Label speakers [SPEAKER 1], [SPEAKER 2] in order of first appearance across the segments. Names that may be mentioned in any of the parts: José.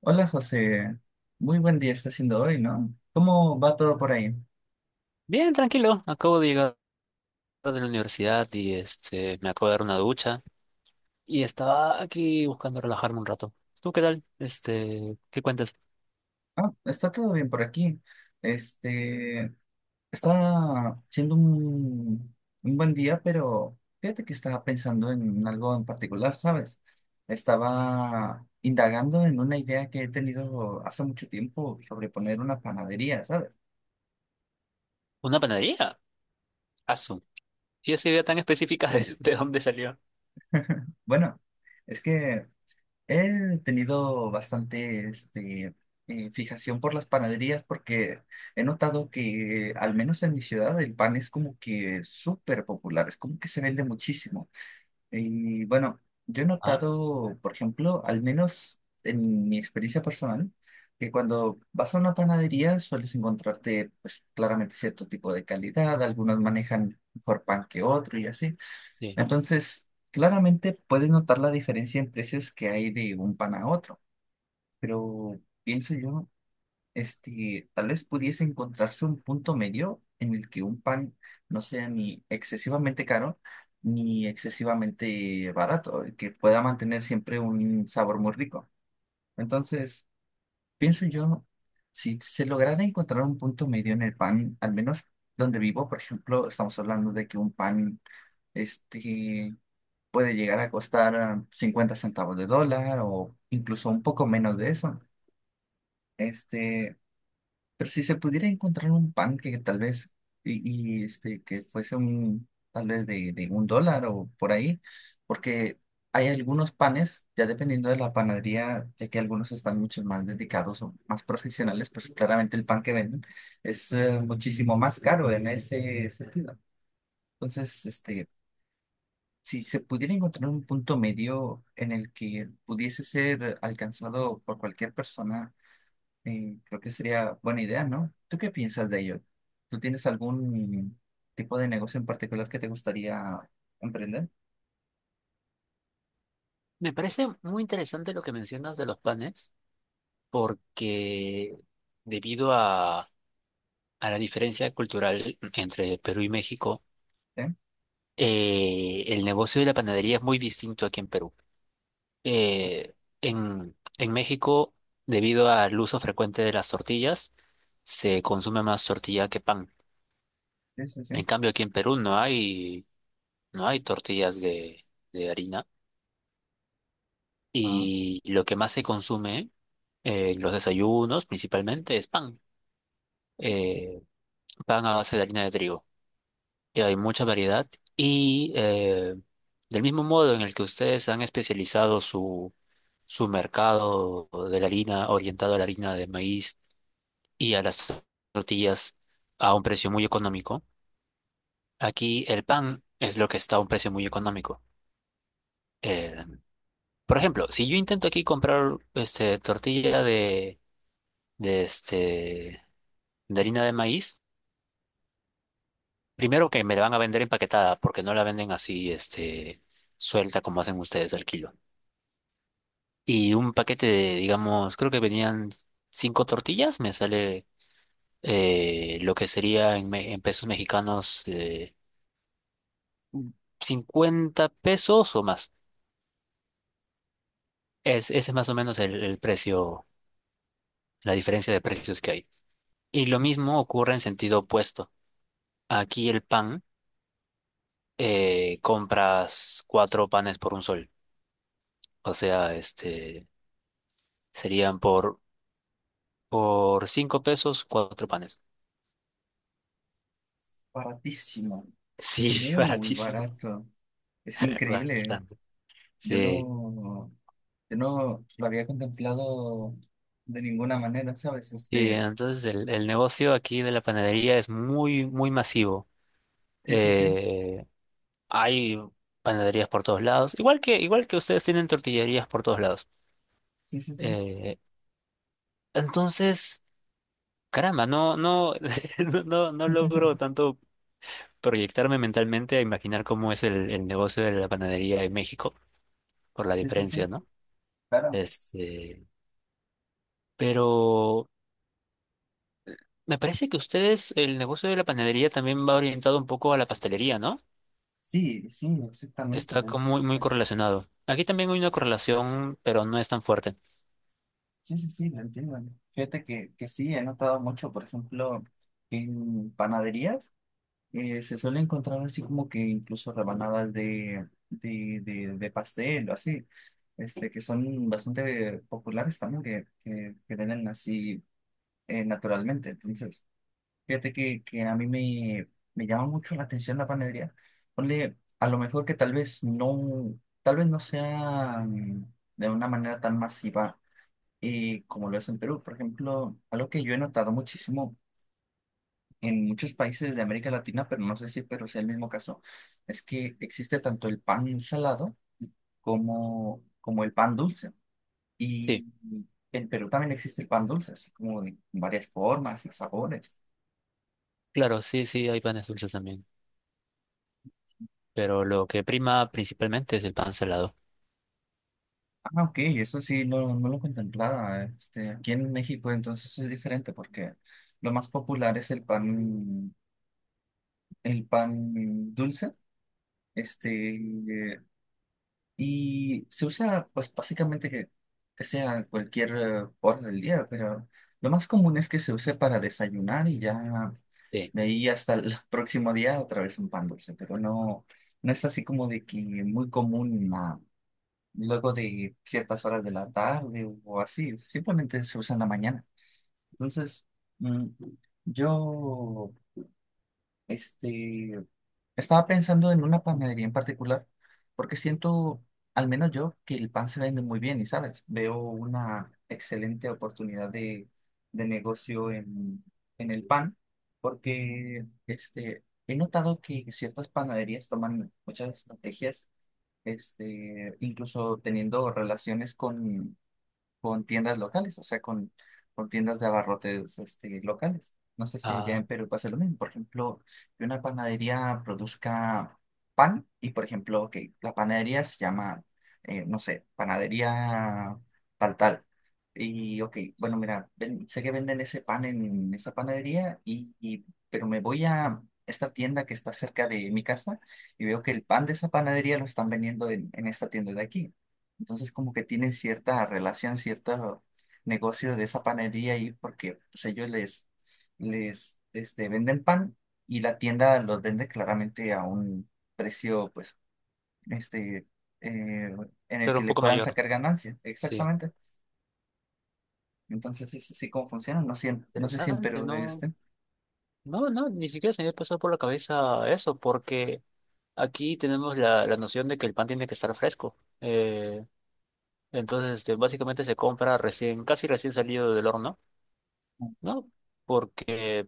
[SPEAKER 1] Hola José, muy buen día está siendo hoy, ¿no? ¿Cómo va todo por ahí?
[SPEAKER 2] Bien, tranquilo. Acabo de llegar de la universidad y me acabo de dar una ducha y estaba aquí buscando relajarme un rato. ¿Tú qué tal? ¿Qué cuentas?
[SPEAKER 1] Ah, está todo bien por aquí. Este, Está siendo un buen día, pero fíjate que estaba pensando en algo en particular, ¿sabes? Estaba indagando en una idea que he tenido hace mucho tiempo sobre poner una panadería, ¿sabes?
[SPEAKER 2] ¿Una panadería? Azul. ¿Y esa idea tan específica de dónde salió?
[SPEAKER 1] Bueno, es que he tenido bastante fijación por las panaderías porque he notado que, al menos en mi ciudad, el pan es como que súper popular, es como que se vende muchísimo. Y bueno, yo he
[SPEAKER 2] Ah,
[SPEAKER 1] notado, por ejemplo, al menos en mi experiencia personal, que cuando vas a una panadería sueles encontrarte, pues claramente cierto tipo de calidad, algunos manejan mejor pan que otro y así.
[SPEAKER 2] sí.
[SPEAKER 1] Entonces, claramente puedes notar la diferencia en precios que hay de un pan a otro, pero pienso yo, tal vez pudiese encontrarse un punto medio en el que un pan no sea ni excesivamente caro ni excesivamente barato, y que pueda mantener siempre un sabor muy rico. Entonces, pienso yo, si se lograra encontrar un punto medio en el pan, al menos donde vivo, por ejemplo, estamos hablando de que un pan... Este, puede llegar a costar 50 centavos de dólar o incluso un poco menos de eso. Este, pero si se pudiera encontrar un pan que tal vez, que fuese tal vez de un dólar o por ahí, porque hay algunos panes, ya dependiendo de la panadería, ya que algunos están mucho más dedicados o más profesionales, pues claramente el pan que venden es muchísimo más caro en ese sentido. Entonces, si se pudiera encontrar un punto medio en el que pudiese ser alcanzado por cualquier persona, creo que sería buena idea, ¿no? ¿Tú qué piensas de ello? ¿Tú tienes algún tipo de negocio en particular que te gustaría emprender?
[SPEAKER 2] Me parece muy interesante lo que mencionas de los panes porque debido a, a la diferencia cultural entre Perú y México,
[SPEAKER 1] Sí,
[SPEAKER 2] el negocio de la panadería es muy distinto aquí en Perú. eh, en México, debido al uso frecuente de las tortillas, se consume más tortilla que pan.
[SPEAKER 1] sí, sí.
[SPEAKER 2] En
[SPEAKER 1] Sí.
[SPEAKER 2] cambio, aquí en Perú no hay tortillas de harina,
[SPEAKER 1] Ah,
[SPEAKER 2] y lo que más se consume en los desayunos principalmente es pan, eh, pan a base de harina de trigo. Y hay mucha variedad y del mismo modo en el que ustedes han especializado su mercado de la harina, orientado a la harina de maíz y a las tortillas a un precio muy económico. Aquí el pan es lo que está a un precio muy económico. Eh, por ejemplo, si yo intento aquí comprar tortilla de, este, de harina de maíz, primero que me la van a vender empaquetada, porque no la venden así suelta como hacen ustedes al kilo. Y un paquete de, digamos, creo que venían cinco tortillas, me sale lo que sería en pesos mexicanos, 50 pesos o más. Ese es más o menos el precio, la diferencia de precios que hay. Y lo mismo ocurre en sentido opuesto. Aquí el pan, compras cuatro panes por un sol. O sea, serían por 5 pesos, cuatro panes.
[SPEAKER 1] baratísimo,
[SPEAKER 2] Sí,
[SPEAKER 1] muy
[SPEAKER 2] baratísimo,
[SPEAKER 1] barato. Es increíble.
[SPEAKER 2] bastante.
[SPEAKER 1] Yo
[SPEAKER 2] Sí,
[SPEAKER 1] no, yo no lo había contemplado de ninguna manera, ¿sabes?
[SPEAKER 2] sí, entonces el negocio aquí de la panadería es muy, muy masivo.
[SPEAKER 1] Sí, sí, sí,
[SPEAKER 2] Eh, hay panaderías por todos lados, igual que ustedes tienen tortillerías por todos lados.
[SPEAKER 1] sí, sí, sí.
[SPEAKER 2] Eh, Entonces, caramba, no, no, no, no, no logro tanto proyectarme mentalmente a imaginar cómo es el negocio de la panadería en México, por la
[SPEAKER 1] Sí, sí, sí.
[SPEAKER 2] diferencia, ¿no?
[SPEAKER 1] Claro,
[SPEAKER 2] Este, pero me parece que ustedes, el negocio de la panadería, también va orientado un poco a la pastelería, ¿no?
[SPEAKER 1] sí, sí, exactamente,
[SPEAKER 2] Está
[SPEAKER 1] de
[SPEAKER 2] como
[SPEAKER 1] hecho.
[SPEAKER 2] muy, muy correlacionado. Aquí también hay una correlación, pero no es tan fuerte.
[SPEAKER 1] Sí, sí, sí, lo entiendo. Fíjate que sí, he notado mucho, por ejemplo, en panaderías se suele encontrar así como que incluso rebanadas de pastel o así, que son bastante populares también, que venden así naturalmente. Entonces, fíjate que a mí me llama mucho la atención la panadería. Ponle, a lo mejor que tal vez no sea de una manera tan masiva como lo es en Perú. Por ejemplo, algo que yo he notado muchísimo en muchos países de América Latina, pero no sé si Perú sea el mismo caso, es que existe tanto el pan salado como el pan dulce. Y
[SPEAKER 2] Sí,
[SPEAKER 1] en Perú también existe el pan dulce, así como de varias formas y sabores.
[SPEAKER 2] claro, sí, sí, hay panes dulces también, pero lo que prima principalmente es el pan salado.
[SPEAKER 1] Ah, ok, eso sí, no, no lo contemplaba. Aquí en México entonces es diferente porque lo más popular es el pan dulce, este, y se usa pues básicamente que sea cualquier hora del día, pero lo más común es que se use para desayunar y ya
[SPEAKER 2] Sí.
[SPEAKER 1] de ahí hasta el próximo día otra vez un pan dulce, pero no, no es así como de que muy común luego de ciertas horas de la tarde o así, simplemente se usa en la mañana. Entonces, mm, yo este, estaba pensando en una panadería en particular, porque siento, al menos yo, que el pan se vende muy bien y, ¿sabes? Veo una excelente oportunidad de negocio en el pan, porque he notado que ciertas panaderías toman muchas estrategias incluso teniendo relaciones con tiendas locales, o sea, con tiendas de abarrotes locales. No sé si allá
[SPEAKER 2] Ah,
[SPEAKER 1] en Perú pasa lo mismo. Por ejemplo, que una panadería produzca pan y, por ejemplo, que la panadería se llama, no sé, panadería tal tal. Y, ok, bueno, mira, sé que venden ese pan en esa panadería, pero me voy a esta tienda que está cerca de mi casa y veo que
[SPEAKER 2] sí.
[SPEAKER 1] el pan de esa panadería lo están vendiendo en esta tienda de aquí. Entonces como que tienen cierta relación, cierto negocio de esa panería ahí porque pues, ellos les venden pan y la tienda los vende claramente a un precio pues este eh, en el
[SPEAKER 2] Claro,
[SPEAKER 1] que
[SPEAKER 2] un
[SPEAKER 1] le
[SPEAKER 2] poco
[SPEAKER 1] puedan
[SPEAKER 2] mayor.
[SPEAKER 1] sacar ganancia.
[SPEAKER 2] Sí.
[SPEAKER 1] Exactamente. Entonces es así como funciona. No sé, no sé si en
[SPEAKER 2] Interesante,
[SPEAKER 1] Perú de
[SPEAKER 2] no,
[SPEAKER 1] este.
[SPEAKER 2] no, no, ni siquiera se me había pasado por la cabeza eso, porque aquí tenemos la noción de que el pan tiene que estar fresco. Entonces, básicamente se compra recién, casi recién salido del horno, ¿no? Porque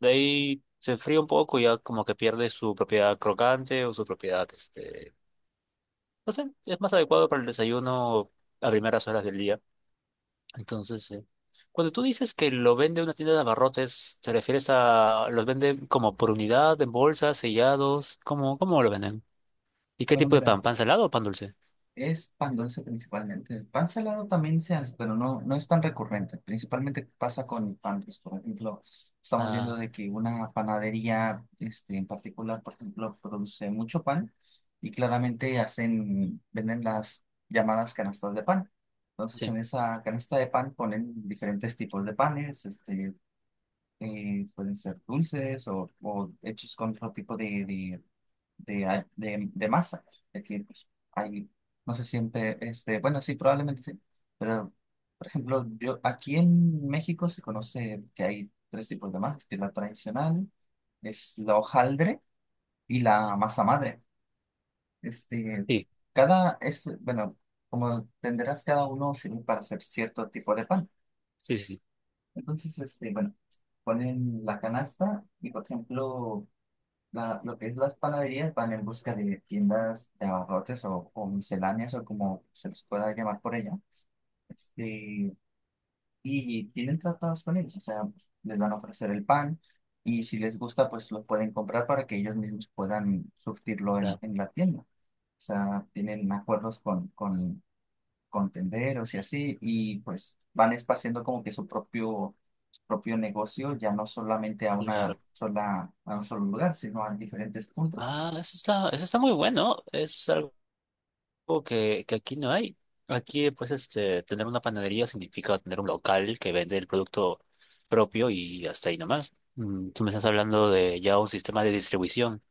[SPEAKER 2] de ahí se enfría un poco y ya como que pierde su propiedad crocante o su propiedad, no sé, es más adecuado para el desayuno, a primeras horas del día. Entonces, cuando tú dices que lo vende una tienda de abarrotes, ¿te refieres a los venden como por unidad, en bolsas, sellados? ¿Cómo lo venden? ¿Y qué
[SPEAKER 1] Bueno,
[SPEAKER 2] tipo de
[SPEAKER 1] mira.
[SPEAKER 2] pan? ¿Pan salado o pan dulce?
[SPEAKER 1] Es pan dulce principalmente. El pan salado también se hace, pero no, no es tan recurrente. Principalmente pasa con el pan dulce. Por ejemplo, estamos viendo
[SPEAKER 2] Ah,
[SPEAKER 1] de que una panadería en particular, por ejemplo, produce mucho pan y claramente hacen, venden las llamadas canastas de pan. Entonces,
[SPEAKER 2] sí,
[SPEAKER 1] en esa canasta de pan ponen diferentes tipos de panes, pueden ser dulces o hechos con otro tipo de masa. Es decir, pues, hay, no sé, siempre, bueno, sí, probablemente sí, pero, por ejemplo, yo, aquí en México se conoce que hay tres tipos de masas, que la tradicional es la hojaldre y la masa madre. Este,
[SPEAKER 2] sí,
[SPEAKER 1] cada, es, bueno, como tendrás cada uno sirve para hacer cierto tipo de pan.
[SPEAKER 2] sí, sí, sí,
[SPEAKER 1] Entonces, bueno, ponen la canasta y, por ejemplo, lo que es las panaderías van en busca de tiendas de abarrotes o misceláneas o como se les pueda llamar por ella. Este, y tienen tratados con ellos, o sea, pues, les van a ofrecer el pan y si les gusta, pues lo pueden comprar para que ellos mismos puedan surtirlo en,
[SPEAKER 2] claro,
[SPEAKER 1] en la tienda. O sea, tienen acuerdos con tenderos y así, y pues van espaciando como que su propio negocio, ya no solamente a una
[SPEAKER 2] claro.
[SPEAKER 1] sola, a un solo lugar, sino a diferentes puntos.
[SPEAKER 2] Ah, eso está muy bueno. Es algo que aquí no hay. Aquí, pues, tener una panadería significa tener un local que vende el producto propio, y hasta ahí nomás. Mm, tú me estás hablando de ya un sistema de distribución.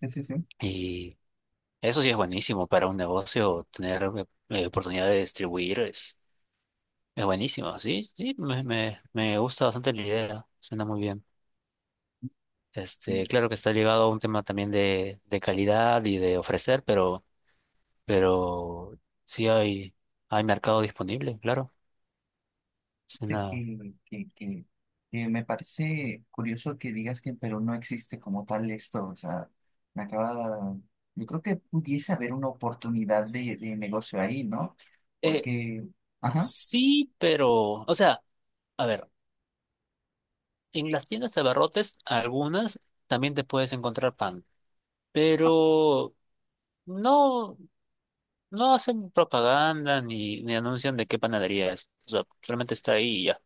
[SPEAKER 1] Sí, sí, sí.
[SPEAKER 2] Y eso sí es buenísimo para un negocio, tener oportunidad de es buenísimo. Sí, sí, me gusta bastante la idea, suena muy bien.
[SPEAKER 1] Y
[SPEAKER 2] Claro que está ligado a un tema también de calidad y de ofrecer, pero, pero sí hay mercado disponible, claro.
[SPEAKER 1] fíjate
[SPEAKER 2] Suena-
[SPEAKER 1] que me parece curioso que digas que en Perú no existe como tal esto. O sea, me acaba. Yo creo que pudiese haber una oportunidad de negocio ahí, ¿no?
[SPEAKER 2] eh,
[SPEAKER 1] Porque, ajá,
[SPEAKER 2] sí, pero, o sea, a ver, en las tiendas de abarrotes, algunas también te puedes encontrar pan, pero no. No hacen propaganda, ni anuncian de qué panadería es. O sea, solamente está ahí y ya.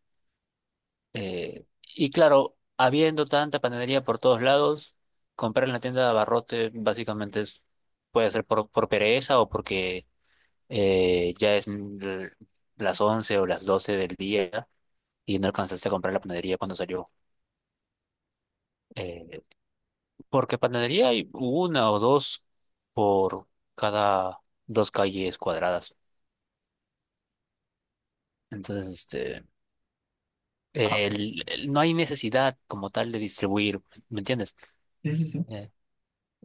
[SPEAKER 2] Eh, y claro, habiendo tanta panadería por todos lados, comprar en la tienda de abarrote básicamente es, puede ser por pereza, o porque ya las 11 o las 12 del día y no alcanzaste a comprar la panadería cuando salió. Eh, porque panadería hay una o dos por cada dos calles cuadradas. Entonces, este...
[SPEAKER 1] ah,
[SPEAKER 2] no hay necesidad como tal de distribuir, ¿me entiendes?
[SPEAKER 1] sí, sí, sí.
[SPEAKER 2] Eh,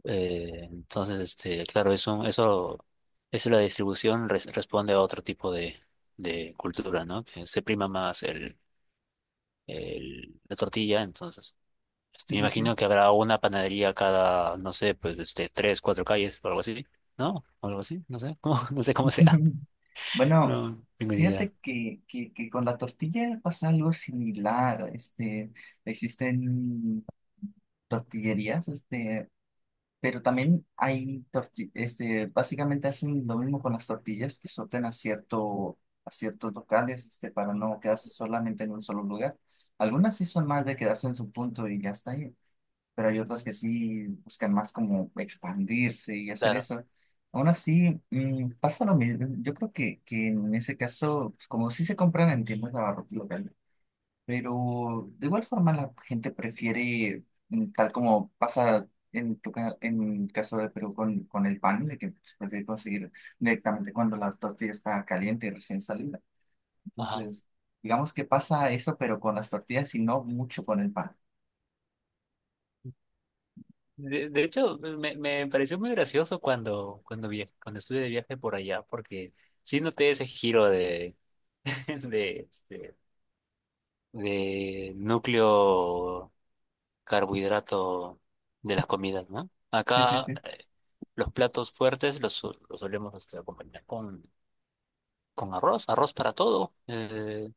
[SPEAKER 2] entonces, claro, eso, la distribución responde a otro tipo de cultura, ¿no? Que se prima más la tortilla. Entonces,
[SPEAKER 1] Sí,
[SPEAKER 2] me
[SPEAKER 1] sí, sí.
[SPEAKER 2] imagino que habrá una panadería cada, no sé, pues, tres, cuatro calles o algo así, ¿no? O algo así, no sé, cómo- no sé cómo sea.
[SPEAKER 1] Bueno,
[SPEAKER 2] No, tengo ni idea.
[SPEAKER 1] fíjate que con la tortilla pasa algo similar. Existen tortillerías. Pero también hay básicamente hacen lo mismo con las tortillas que sortean a cierto, a ciertos locales, para no quedarse solamente en un solo lugar. Algunas sí son más de quedarse en su punto y ya está ahí, pero hay otras que sí buscan más como expandirse y hacer
[SPEAKER 2] Claro.
[SPEAKER 1] eso. Aún así, pasa lo mismo. Yo creo que en ese caso, pues, como sí se compran en tiendas de abarrotes pero de igual forma la gente prefiere, tal como pasa en tu en caso de Perú con el pan, de que se prefiere conseguir directamente cuando la tortilla está caliente y recién salida.
[SPEAKER 2] Ajá.
[SPEAKER 1] Entonces, digamos que pasa eso, pero con las tortillas y no mucho con el pan.
[SPEAKER 2] De hecho, me pareció muy gracioso cuando, cuando estuve de viaje por allá, porque sí noté ese giro de, este, de núcleo carbohidrato de las comidas, ¿no?
[SPEAKER 1] Sí, sí,
[SPEAKER 2] Acá
[SPEAKER 1] sí,
[SPEAKER 2] los platos fuertes los solemos, acompañar con arroz, arroz para todo,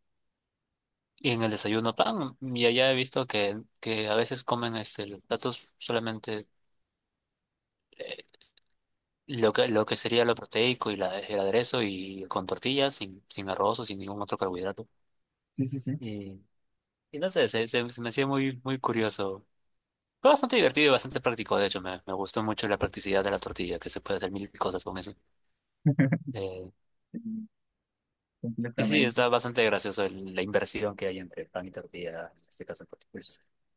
[SPEAKER 2] y en el desayuno pan, y allá he visto que a veces comen los platos solamente. eh, lo que sería lo proteico y el aderezo y con tortillas, sin arroz o sin ningún otro carbohidrato.
[SPEAKER 1] sí, sí, sí.
[SPEAKER 2] Y, y no sé, se me hacía muy, muy curioso. Fue bastante divertido y bastante práctico, de hecho, me gustó mucho la practicidad de la tortilla, que se puede hacer mil cosas con eso. Eh, y sí,
[SPEAKER 1] Completamente.
[SPEAKER 2] está bastante gracioso la inversión que hay entre pan y tortilla, en este caso en particular.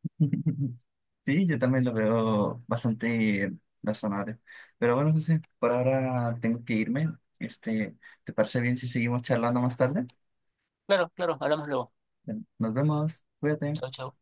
[SPEAKER 1] Sí, yo también lo veo bastante razonable. Pero bueno, José, por ahora tengo que irme. Este, ¿Te parece bien si seguimos charlando más tarde?
[SPEAKER 2] Claro, claro, hablamos luego.
[SPEAKER 1] Nos vemos, cuídate.
[SPEAKER 2] Chao, chao.